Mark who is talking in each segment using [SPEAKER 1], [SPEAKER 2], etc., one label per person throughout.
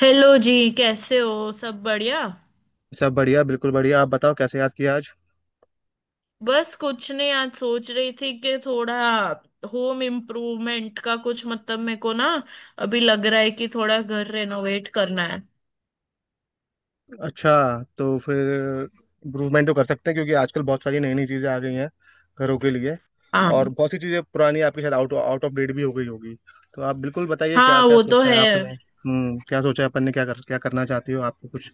[SPEAKER 1] Hello जी। कैसे हो। सब बढ़िया।
[SPEAKER 2] सब बढ़िया, बिल्कुल बढ़िया। आप बताओ, कैसे याद किया आज?
[SPEAKER 1] बस कुछ नहीं, आज सोच रही थी कि थोड़ा होम इम्प्रूवमेंट का कुछ, मतलब मेरे को ना अभी लग रहा है कि थोड़ा घर रेनोवेट करना है।
[SPEAKER 2] अच्छा, तो फिर इम्प्रूवमेंट तो कर सकते हैं क्योंकि आजकल बहुत सारी नई नई चीज़ें आ गई हैं घरों के लिए।
[SPEAKER 1] हाँ।
[SPEAKER 2] और बहुत सी चीज़ें पुरानी आपके साथ आउट आउट ऑफ डेट भी हो गई होगी। तो आप बिल्कुल बताइए क्या
[SPEAKER 1] हाँ
[SPEAKER 2] क्या
[SPEAKER 1] वो तो
[SPEAKER 2] सोचा है
[SPEAKER 1] है।
[SPEAKER 2] आपने। क्या सोचा है अपन ने? क्या करना चाहती हो? आपको कुछ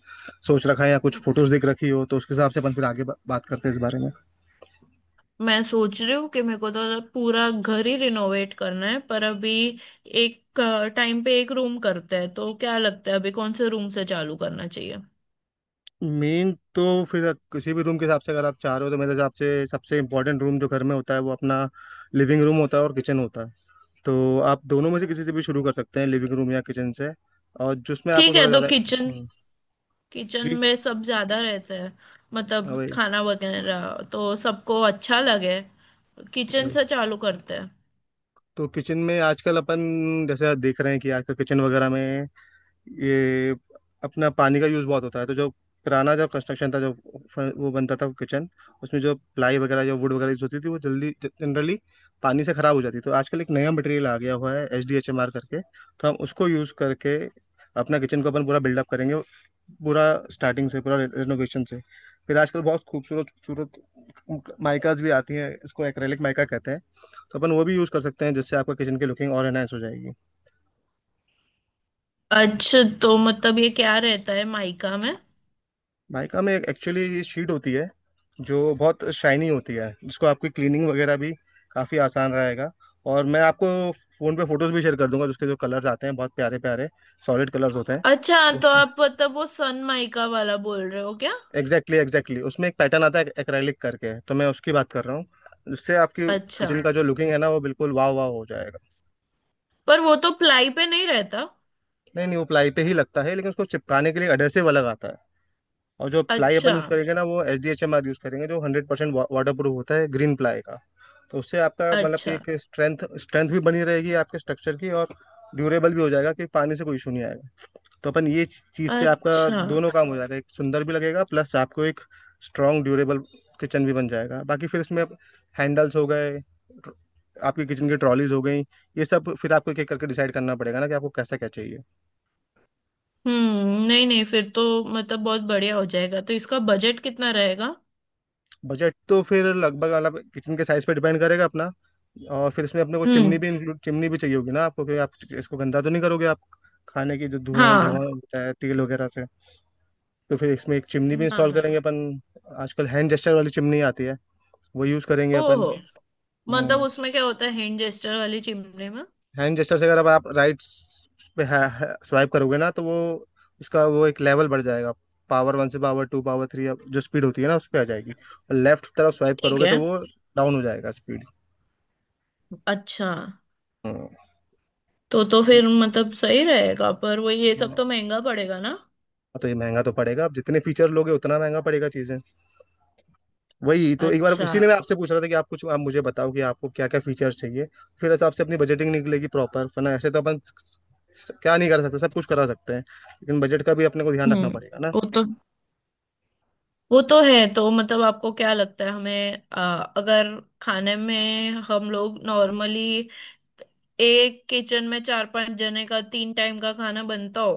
[SPEAKER 2] सोच रखा है या कुछ
[SPEAKER 1] म-
[SPEAKER 2] फोटोज दिख रखी हो तो उसके हिसाब से अपन फिर आगे बात करते हैं इस बारे में।
[SPEAKER 1] मैं सोच रही हूँ कि मेरे को तो पूरा घर ही रिनोवेट करना है, पर अभी एक टाइम पे एक रूम करते हैं, तो क्या लगता है अभी कौन से रूम से चालू करना चाहिए।
[SPEAKER 2] मेन तो फिर किसी भी रूम के हिसाब से अगर आप चाह रहे हो तो मेरे हिसाब से सबसे इंपॉर्टेंट रूम जो घर में होता है वो अपना लिविंग रूम होता है और किचन होता है। तो आप दोनों में से किसी से भी शुरू कर सकते हैं, लिविंग रूम या किचन से। और जिसमें आपको
[SPEAKER 1] ठीक है,
[SPEAKER 2] थोड़ा
[SPEAKER 1] तो
[SPEAKER 2] ज़्यादा
[SPEAKER 1] किचन। किचन
[SPEAKER 2] जी।
[SPEAKER 1] में सब ज्यादा रहते हैं,
[SPEAKER 2] हाँ,
[SPEAKER 1] मतलब
[SPEAKER 2] वही।
[SPEAKER 1] खाना वगैरह, तो सबको अच्छा लगे। किचन
[SPEAKER 2] वही।
[SPEAKER 1] से चालू करते हैं।
[SPEAKER 2] तो किचन में आजकल अपन जैसे देख रहे हैं कि आजकल किचन वगैरह में ये अपना पानी का यूज़ बहुत होता है, तो जो पुराना जो कंस्ट्रक्शन था जो वो बनता था किचन, उसमें जो प्लाई वगैरह जो वुड वगैरह यूज होती थी वो जल्दी जनरली पानी से ख़राब हो जाती। तो आजकल एक नया मटेरियल आ गया हुआ है H D H M R करके, तो हम उसको यूज़ करके अपना किचन को अपन पूरा बिल्डअप करेंगे। पूरा स्टार्टिंग से, पूरा रिनोवेशन से। फिर आजकल बहुत खूबसूरत खूबसूरत माइकाज भी आती हैं, इसको एक्रेलिक माइका कहते हैं। तो अपन वो भी यूज़ कर सकते हैं, जिससे आपका किचन की लुकिंग और एनहांस हो जाएगी।
[SPEAKER 1] अच्छा, तो मतलब ये क्या रहता है माइका में।
[SPEAKER 2] माइका में एक्चुअली ये शीट होती है, जो बहुत शाइनी होती है, जिसको आपकी क्लीनिंग वगैरह भी काफ़ी आसान रहेगा। और मैं आपको फ़ोन पे फोटोज़ भी शेयर कर दूंगा, जिसके जो कलर्स आते हैं बहुत प्यारे प्यारे सॉलिड कलर्स होते हैं
[SPEAKER 1] अच्छा, तो
[SPEAKER 2] उसमें।
[SPEAKER 1] आप मतलब वो सन माइका वाला बोल रहे हो क्या।
[SPEAKER 2] एग्जैक्टली एग्जैक्टली, उसमें एक पैटर्न आता है एक्रेलिक करके, तो मैं उसकी बात कर रहा हूँ, जिससे आपकी
[SPEAKER 1] अच्छा।
[SPEAKER 2] किचन का जो लुकिंग है ना वो बिल्कुल वाह वाह हो जाएगा।
[SPEAKER 1] पर वो तो प्लाई पे नहीं रहता।
[SPEAKER 2] नहीं नहीं, वो प्लाई पे ही लगता है, लेकिन उसको चिपकाने के लिए एडहेसिव अलग आता है। और जो प्लाई अपन
[SPEAKER 1] अच्छा।
[SPEAKER 2] यूज़ करेंगे ना वो H D H M R use करेंगे, जो 100% वाटर प्रूफ होता है, ग्रीन प्लाई का। तो उससे आपका मतलब कि
[SPEAKER 1] अच्छा।
[SPEAKER 2] एक स्ट्रेंथ स्ट्रेंथ भी बनी रहेगी आपके स्ट्रक्चर की। और ड्यूरेबल भी हो जाएगा कि पानी से कोई इशू नहीं आएगा। तो अपन ये चीज़ से आपका
[SPEAKER 1] अच्छा।
[SPEAKER 2] दोनों काम हो जाएगा, एक सुंदर भी लगेगा प्लस आपको एक स्ट्रॉन्ग ड्यूरेबल किचन भी बन जाएगा। बाकी फिर इसमें हैंडल्स हो गए, आपकी किचन की ट्रॉलीज हो गई, ये सब फिर आपको एक एक करके डिसाइड करना पड़ेगा ना, कि आपको कैसा क्या चाहिए।
[SPEAKER 1] नहीं नहीं, फिर तो मतलब बहुत बढ़िया हो जाएगा। तो इसका बजट कितना रहेगा।
[SPEAKER 2] बजट तो फिर लगभग मतलब किचन के साइज पे डिपेंड करेगा अपना। और फिर इसमें अपने को
[SPEAKER 1] हम्म।
[SPEAKER 2] चिमनी भी इंक्लूड, चिमनी भी चाहिए होगी ना आपको, क्योंकि आप इसको गंदा तो नहीं करोगे आप। खाने की जो धुआं धुआं
[SPEAKER 1] हाँ।
[SPEAKER 2] होता है तेल वगैरह से। तो फिर इसमें एक चिमनी भी
[SPEAKER 1] ना
[SPEAKER 2] इंस्टॉल करेंगे
[SPEAKER 1] ना।
[SPEAKER 2] अपन। आजकल हैंड जेस्टर वाली चिमनी आती है, वो यूज़ करेंगे अपन।
[SPEAKER 1] ओहो, मतलब
[SPEAKER 2] हम्म
[SPEAKER 1] उसमें क्या होता है हैंड जेस्टर वाली चिमनी में।
[SPEAKER 2] हैंड जेस्टर से अगर आप राइट पे स्वाइप करोगे ना, तो वो उसका वो एक लेवल बढ़ जाएगा। पावर 1 से पावर 2, पावर 3, जो स्पीड होती है ना उस पर आ जाएगी। और लेफ्ट तरफ स्वाइप
[SPEAKER 1] ठीक
[SPEAKER 2] करोगे
[SPEAKER 1] है।
[SPEAKER 2] तो वो डाउन हो जाएगा
[SPEAKER 1] अच्छा,
[SPEAKER 2] स्पीड।
[SPEAKER 1] तो फिर मतलब सही रहेगा, पर वो ये सब तो
[SPEAKER 2] हाँ,
[SPEAKER 1] महंगा पड़ेगा ना।
[SPEAKER 2] तो ये महंगा तो पड़ेगा, आप जितने फीचर लोगे उतना महंगा पड़ेगा चीजें। वही तो एक बार
[SPEAKER 1] अच्छा।
[SPEAKER 2] इसीलिए मैं आपसे पूछ रहा था कि आप कुछ आप मुझे बताओ कि आपको क्या क्या फीचर्स चाहिए। फिर हिसाब से अपनी बजटिंग निकलेगी प्रॉपर, वरना ऐसे तो अपन क्या नहीं कर सकते, सब कुछ करा सकते हैं, लेकिन बजट का भी अपने को ध्यान रखना
[SPEAKER 1] हम्म।
[SPEAKER 2] पड़ेगा ना।
[SPEAKER 1] वो तो वो तो है, तो मतलब आपको क्या लगता है, हमें अगर खाने में हम लोग नॉर्मली एक किचन में चार पांच जने का तीन टाइम का खाना बनता हो,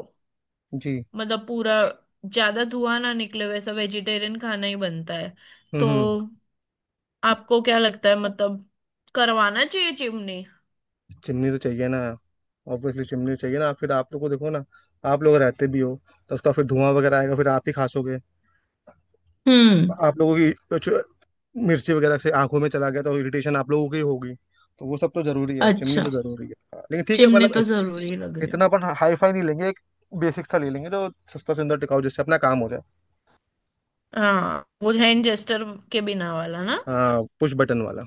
[SPEAKER 2] जी।
[SPEAKER 1] मतलब पूरा ज्यादा धुआं ना निकले, वैसा वेजिटेरियन खाना ही बनता है।
[SPEAKER 2] हम्म,
[SPEAKER 1] तो
[SPEAKER 2] हम्म।
[SPEAKER 1] आपको क्या लगता है, मतलब करवाना चाहिए चिमनी।
[SPEAKER 2] चिमनी तो चाहिए ना। ऑब्वियसली चिमनी चाहिए ना, फिर आप लोग को देखो ना, आप लोग रहते भी हो। तो उसका फिर धुआं वगैरह आएगा, फिर आप ही खासोगे।
[SPEAKER 1] हम्म।
[SPEAKER 2] आप लोगों की मिर्ची वगैरह से आंखों में चला गया तो इरिटेशन आप लोगों की होगी। तो वो सब तो जरूरी है, चिमनी
[SPEAKER 1] अच्छा,
[SPEAKER 2] तो जरूरी है, हाँ, लेकिन ठीक है
[SPEAKER 1] चिमनी
[SPEAKER 2] मतलब
[SPEAKER 1] तो जरूरी लग रही है।
[SPEAKER 2] इतना अपन हाई फाई नहीं लेंगे, एक बेसिक सा ले लेंगे जो सस्ता सुंदर टिकाऊ, जिससे अपना काम हो जाए।
[SPEAKER 1] हाँ, वो हैंड जेस्टर के बिना वाला ना।
[SPEAKER 2] हाँ, पुश बटन वाला।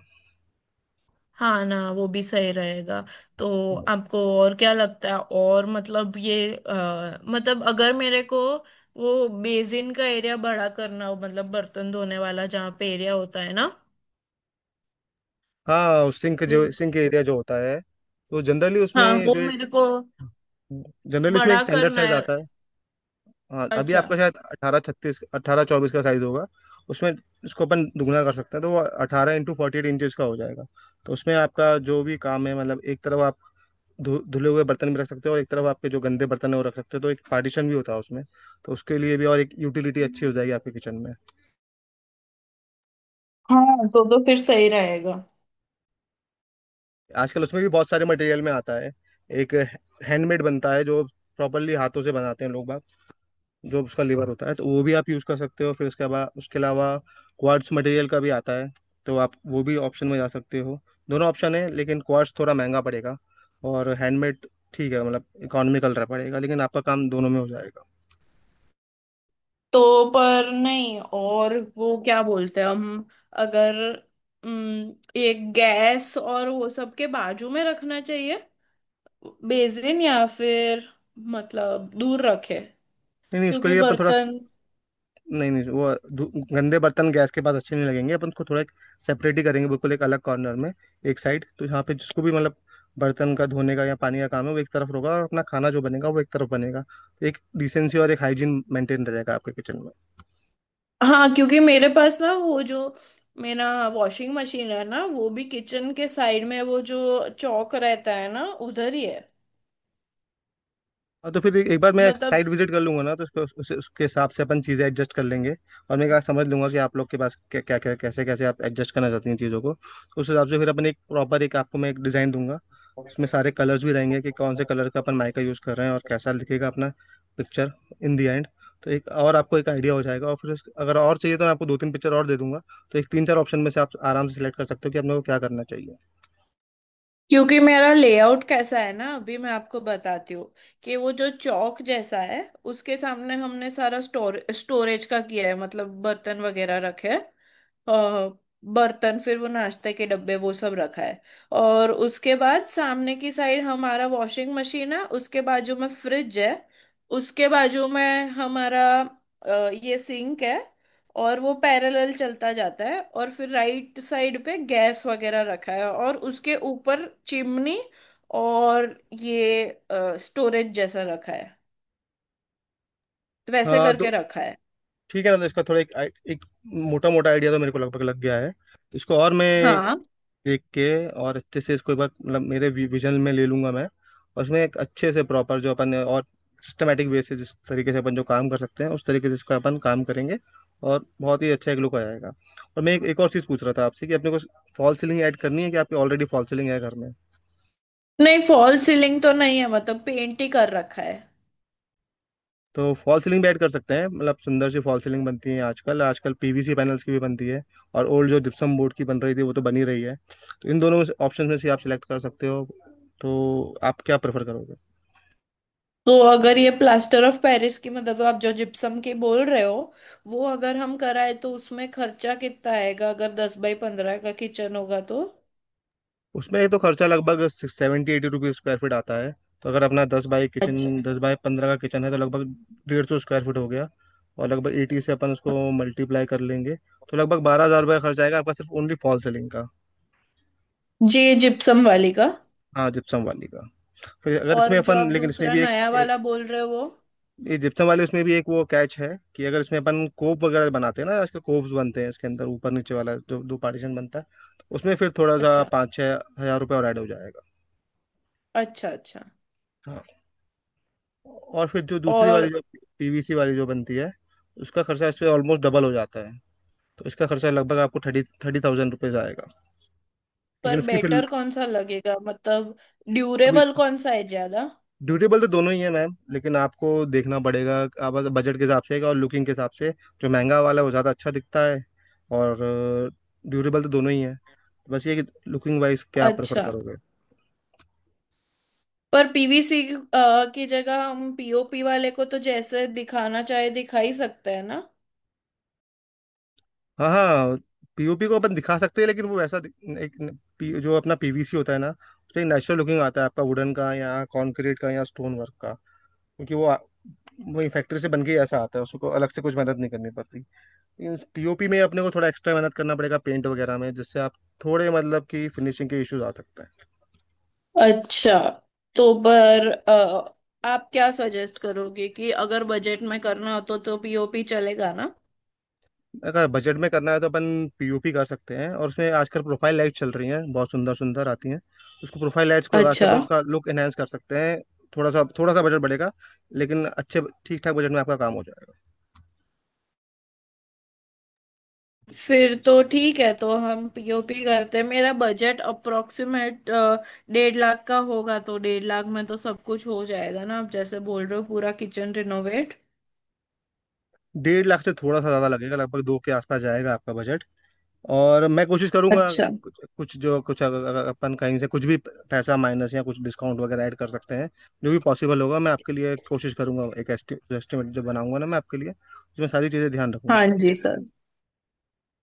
[SPEAKER 1] हाँ ना, वो भी सही रहेगा। तो आपको और क्या लगता है, और मतलब ये मतलब अगर मेरे को वो बेसिन का एरिया बड़ा करना हो, मतलब बर्तन धोने वाला जहाँ पे एरिया होता है ना,
[SPEAKER 2] हाँ, सिंक,
[SPEAKER 1] वो।
[SPEAKER 2] जो सिंक एरिया जो होता है, तो जनरली
[SPEAKER 1] हाँ
[SPEAKER 2] उसमें
[SPEAKER 1] वो
[SPEAKER 2] जो एक,
[SPEAKER 1] मेरे को
[SPEAKER 2] जनरली उसमें एक
[SPEAKER 1] बड़ा
[SPEAKER 2] स्टैंडर्ड
[SPEAKER 1] करना
[SPEAKER 2] साइज
[SPEAKER 1] है।
[SPEAKER 2] आता है। हाँ, अभी
[SPEAKER 1] अच्छा।
[SPEAKER 2] आपका शायद 18x36, 18x24 का साइज होगा। उसमें इसको अपन दुगना कर सकते हैं, तो वो 18x48 इंचज का हो जाएगा। तो उसमें आपका जो भी काम है, मतलब एक तरफ आप धुले हुए बर्तन भी रख सकते हो और एक तरफ आपके जो गंदे बर्तन है वो रख सकते हो, तो एक पार्टीशन भी होता है उसमें। तो उसके लिए भी और एक यूटिलिटी अच्छी हो जाएगी आपके किचन में।
[SPEAKER 1] हाँ तो फिर सही रहेगा।
[SPEAKER 2] आजकल उसमें भी बहुत सारे मटेरियल में आता है। एक हैंडमेड बनता है, जो प्रॉपरली हाथों से बनाते हैं लोग बाग, जो उसका लेबर होता है, तो वो भी आप यूज़ कर सकते हो। फिर उसके बाद उसके अलावा क्वार्ट्स मटेरियल का भी आता है, तो आप वो भी ऑप्शन में जा सकते हो। दोनों ऑप्शन है, लेकिन क्वार्ट्स थोड़ा महंगा पड़ेगा और हैंडमेड ठीक है, मतलब इकोनॉमिकल रहा पड़ेगा, लेकिन आपका काम दोनों में हो जाएगा।
[SPEAKER 1] तो पर नहीं, और वो क्या बोलते हैं हम, अगर उम, ये गैस और वो सब के बाजू में रखना चाहिए, बेसिन? या फिर मतलब दूर रखे,
[SPEAKER 2] नहीं नहीं, उसके
[SPEAKER 1] क्योंकि
[SPEAKER 2] लिए अपन थोड़ा,
[SPEAKER 1] बर्तन।
[SPEAKER 2] नहीं नहीं, वो गंदे बर्तन गैस के पास अच्छे नहीं लगेंगे अपन को, थोड़ा एक सेपरेट ही करेंगे, बिल्कुल एक अलग कॉर्नर में। एक साइड तो यहाँ पे जिसको भी मतलब बर्तन का धोने का या पानी का काम है वो एक तरफ होगा, और अपना खाना जो बनेगा वो एक तरफ बनेगा। तो एक डिसेंसी और एक हाइजीन मेंटेन रहेगा आपके किचन में।
[SPEAKER 1] हाँ, क्योंकि मेरे पास ना वो जो मेरा वॉशिंग मशीन है ना, वो भी किचन के साइड में, वो जो चौक रहता है ना, उधर ही है।
[SPEAKER 2] हाँ, तो फिर एक बार मैं
[SPEAKER 1] मतलब
[SPEAKER 2] साइट विजिट कर लूंगा ना, तो उसके उसके हिसाब से अपन चीज़ें एडजस्ट कर लेंगे। और मैं क्या समझ लूंगा कि आप लोग के पास क्या क्या क्या, कैसे कैसे आप एडजस्ट करना चाहती हैं चीज़ों को, तो उस हिसाब से फिर अपन एक प्रॉपर एक आपको मैं एक डिज़ाइन दूंगा। उसमें सारे कलर्स भी रहेंगे कि कौन से कलर का अपन माइका यूज़ कर रहे हैं और कैसा दिखेगा अपना पिक्चर इन दी एंड। तो एक और आपको एक आइडिया हो जाएगा, और फिर अगर और चाहिए तो मैं आपको दो तीन पिक्चर और दे दूंगा। तो एक तीन चार ऑप्शन में से आप आराम से सिलेक्ट कर सकते हो कि आप लोगों को क्या करना चाहिए।
[SPEAKER 1] क्योंकि मेरा लेआउट कैसा है ना, अभी मैं आपको बताती हूँ कि वो जो चौक जैसा है, उसके सामने हमने सारा स्टोरेज का किया है, मतलब बर्तन वगैरह रखे हैं, अ, बर्तन, फिर वो नाश्ते के डब्बे, वो सब रखा है। और उसके बाद सामने की साइड हमारा वॉशिंग मशीन है, उसके बाजू में फ्रिज है, उसके बाजू में हमारा ये सिंक है, और वो पैरेलल चलता जाता है। और फिर राइट साइड पे गैस वगैरह रखा है और उसके ऊपर चिमनी। और ये स्टोरेज जैसा रखा है, वैसे
[SPEAKER 2] हाँ, तो
[SPEAKER 1] करके रखा है।
[SPEAKER 2] ठीक है ना, तो इसका थोड़ा एक, एक मोटा मोटा आइडिया तो मेरे को लगभग लग गया है। तो इसको और मैं
[SPEAKER 1] हाँ।
[SPEAKER 2] देख के और अच्छे से इसको एक बार मतलब मेरे विजन में ले लूंगा मैं। और उसमें एक अच्छे से प्रॉपर जो अपन और सिस्टमेटिक वे से जिस तरीके से अपन जो काम कर सकते हैं उस तरीके से इसका अपन काम करेंगे, और बहुत ही अच्छा एक लुक आ जाएगा। और मैं एक और चीज़ पूछ रहा था आपसे, कि अपने को फॉल सीलिंग ऐड करनी है, कि आपकी ऑलरेडी फॉल सीलिंग है घर में?
[SPEAKER 1] नहीं, फॉल सीलिंग तो नहीं है, मतलब पेंट ही कर रखा है।
[SPEAKER 2] तो फॉल सीलिंग भी ऐड कर सकते हैं, मतलब सुंदर सी फॉल सीलिंग बनती है आजकल, आजकल पीवीसी पैनल्स की भी बनती है, और ओल्ड जो जिप्सम बोर्ड की बन रही थी वो तो बनी रही है। तो इन दोनों ऑप्शन में से आप सिलेक्ट कर सकते हो, तो आप क्या प्रेफर करोगे?
[SPEAKER 1] तो अगर ये प्लास्टर ऑफ पेरिस की, मतलब आप जो जिप्सम की बोल रहे हो, वो अगर हम कराए तो उसमें खर्चा कितना आएगा, अगर 10 बाई 15 का किचन होगा तो।
[SPEAKER 2] उसमें एक तो खर्चा लगभग ₹70-80 स्क्वायर फीट आता है। तो अगर अपना दस बाई किचन,
[SPEAKER 1] अच्छा,
[SPEAKER 2] 10x15 का किचन है तो लगभग 150 स्क्वायर फीट हो गया, और लगभग 80 से अपन उसको मल्टीप्लाई कर लेंगे। तो लगभग 12,000 रुपया खर्च आएगा आपका सिर्फ ओनली फॉल सीलिंग का।
[SPEAKER 1] जी जिप्सम वाली का।
[SPEAKER 2] हाँ, जिप्सम वाली का। फिर अगर
[SPEAKER 1] और
[SPEAKER 2] इसमें
[SPEAKER 1] जो आप
[SPEAKER 2] अपन, लेकिन इसमें
[SPEAKER 1] दूसरा
[SPEAKER 2] भी एक,
[SPEAKER 1] नया वाला बोल रहे हो वो।
[SPEAKER 2] ये जिप्सम वाले उसमें भी एक वो कैच है, कि अगर इसमें अपन कोप वगैरह बनाते हैं ना, आजकल कोप्स बनते हैं इसके अंदर ऊपर नीचे वाला जो दो पार्टीशन बनता है उसमें, फिर थोड़ा सा
[SPEAKER 1] अच्छा।
[SPEAKER 2] पाँच छः हजार रुपये और ऐड हो जाएगा।
[SPEAKER 1] अच्छा। अच्छा।
[SPEAKER 2] हाँ। और फिर जो दूसरी
[SPEAKER 1] और।
[SPEAKER 2] वाली जो पीवीसी वाली जो बनती है, उसका खर्चा इस पे ऑलमोस्ट डबल हो जाता है। तो इसका खर्चा लगभग आपको थर्टी थर्टी थाउजेंड रुपीज़ आएगा।
[SPEAKER 1] पर
[SPEAKER 2] लेकिन उसकी फिर,
[SPEAKER 1] बेटर कौन सा लगेगा, मतलब
[SPEAKER 2] अभी
[SPEAKER 1] ड्यूरेबल कौन सा है ज्यादा।
[SPEAKER 2] ड्यूरेबल तो दोनों ही है मैम, लेकिन आपको देखना पड़ेगा आप बस बजट के हिसाब से और लुकिंग के हिसाब से। जो महंगा वाला है वो ज़्यादा अच्छा दिखता है, और ड्यूरेबल तो दोनों ही है। बस ये कि लुकिंग वाइज क्या आप प्रेफर
[SPEAKER 1] अच्छा,
[SPEAKER 2] करोगे?
[SPEAKER 1] पर पीवीसी की जगह हम पीओपी वाले को तो जैसे दिखाना चाहे दिखा ही सकते हैं ना।
[SPEAKER 2] हाँ हाँ, पीओपी को अपन दिखा सकते हैं, लेकिन वो वैसा दिख- एक न- पी- जो अपना पीवीसी होता है ना उसमें एक नेचुरल लुकिंग आता है आपका वुडन का या कॉन्क्रीट का या स्टोन वर्क का, क्योंकि वो वही फैक्ट्री से बन के ही ऐसा आता है, उसको अलग से कुछ मेहनत नहीं करनी पड़ती। पीओपी में अपने को थोड़ा एक्स्ट्रा मेहनत करना पड़ेगा पेंट वगैरह में, जिससे आप थोड़े मतलब कि फिनिशिंग के इश्यूज आ सकते हैं।
[SPEAKER 1] अच्छा, तो पर आप क्या सजेस्ट करोगे कि अगर बजट में करना हो तो पीओपी चलेगा ना।
[SPEAKER 2] अगर बजट में करना है तो अपन पीओपी कर सकते हैं, और उसमें आजकल प्रोफाइल लाइट चल रही हैं, बहुत सुंदर सुंदर आती हैं, उसको प्रोफाइल लाइट्स को लगा के
[SPEAKER 1] अच्छा,
[SPEAKER 2] अपन उसका लुक एनहेंस कर सकते हैं। थोड़ा सा बजट बढ़ेगा, लेकिन अच्छे ठीक ठाक बजट में आपका काम हो जाएगा।
[SPEAKER 1] फिर तो ठीक है तो हम पीओपी करते हैं। मेरा बजट अप्रोक्सीमेट 1.5 लाख का होगा, तो 1.5 लाख में तो सब कुछ हो जाएगा ना, आप जैसे बोल रहे हो, पूरा किचन रिनोवेट।
[SPEAKER 2] 1.5 लाख से थोड़ा सा ज़्यादा लगेगा, लगभग दो के आसपास जाएगा आपका बजट। और मैं कोशिश करूंगा
[SPEAKER 1] अच्छा।
[SPEAKER 2] कुछ कुछ जो कुछ, अगर अगर अपन कहीं से कुछ भी पैसा माइनस या कुछ डिस्काउंट वगैरह ऐड कर सकते हैं, जो भी पॉसिबल होगा मैं आपके लिए कोशिश करूंगा। एक एस्टिमेट जो बनाऊंगा ना मैं आपके लिए उसमें सारी चीज़ें ध्यान रखूंगा।
[SPEAKER 1] हाँ जी सर।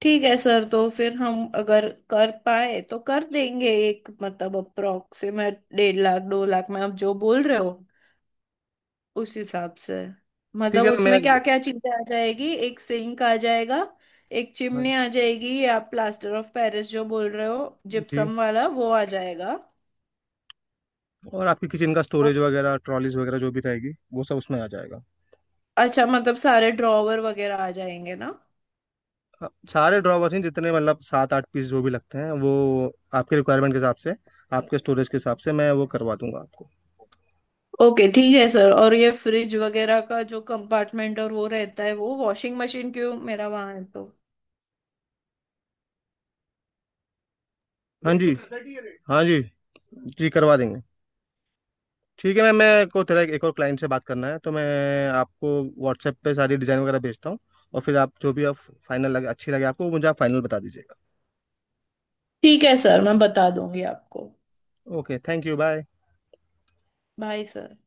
[SPEAKER 1] ठीक है सर, तो फिर हम अगर कर पाए तो कर देंगे एक, मतलब अप्रोक्सीमेट 1.5 लाख 2 लाख में आप जो बोल रहे हो उस हिसाब से,
[SPEAKER 2] ठीक
[SPEAKER 1] मतलब
[SPEAKER 2] है ना, मैं।
[SPEAKER 1] उसमें क्या क्या चीजें आ जाएगी, एक सिंक आ जाएगा, एक
[SPEAKER 2] हाँ
[SPEAKER 1] चिमनी आ जाएगी, ये आप प्लास्टर ऑफ पेरिस जो बोल रहे हो
[SPEAKER 2] जी।
[SPEAKER 1] जिप्सम वाला वो आ जाएगा।
[SPEAKER 2] और आपकी किचन का स्टोरेज
[SPEAKER 1] और-
[SPEAKER 2] वगैरह, ट्रॉलीज वगैरह जो भी रहेगी वो सब उसमें आ जाएगा।
[SPEAKER 1] अच्छा, मतलब सारे ड्रॉवर वगैरह आ जाएंगे ना।
[SPEAKER 2] हाँ, सारे ड्रॉवर्स हैं जितने, मतलब सात आठ पीस जो भी लगते हैं वो आपके रिक्वायरमेंट के हिसाब से, आपके स्टोरेज के हिसाब से मैं वो करवा दूंगा आपको।
[SPEAKER 1] ओके ठीक है सर, और ये फ्रिज वगैरह का जो कंपार्टमेंट और वो रहता है, वो वॉशिंग मशीन क्यों मेरा वहां है तो।
[SPEAKER 2] हाँ जी। हाँ जी। जी, करवा देंगे। ठीक है मैम, मैं को तेरा एक और क्लाइंट से बात करना है, तो मैं आपको व्हाट्सएप पे सारी डिज़ाइन वगैरह भेजता हूँ। और फिर आप जो भी आप फाइनल लगे, अच्छी लगे आपको, मुझे आप फाइनल बता दीजिएगा।
[SPEAKER 1] ठीक है सर, मैं बता दूंगी आपको।
[SPEAKER 2] Okay, thank you, bye.
[SPEAKER 1] Bye sir.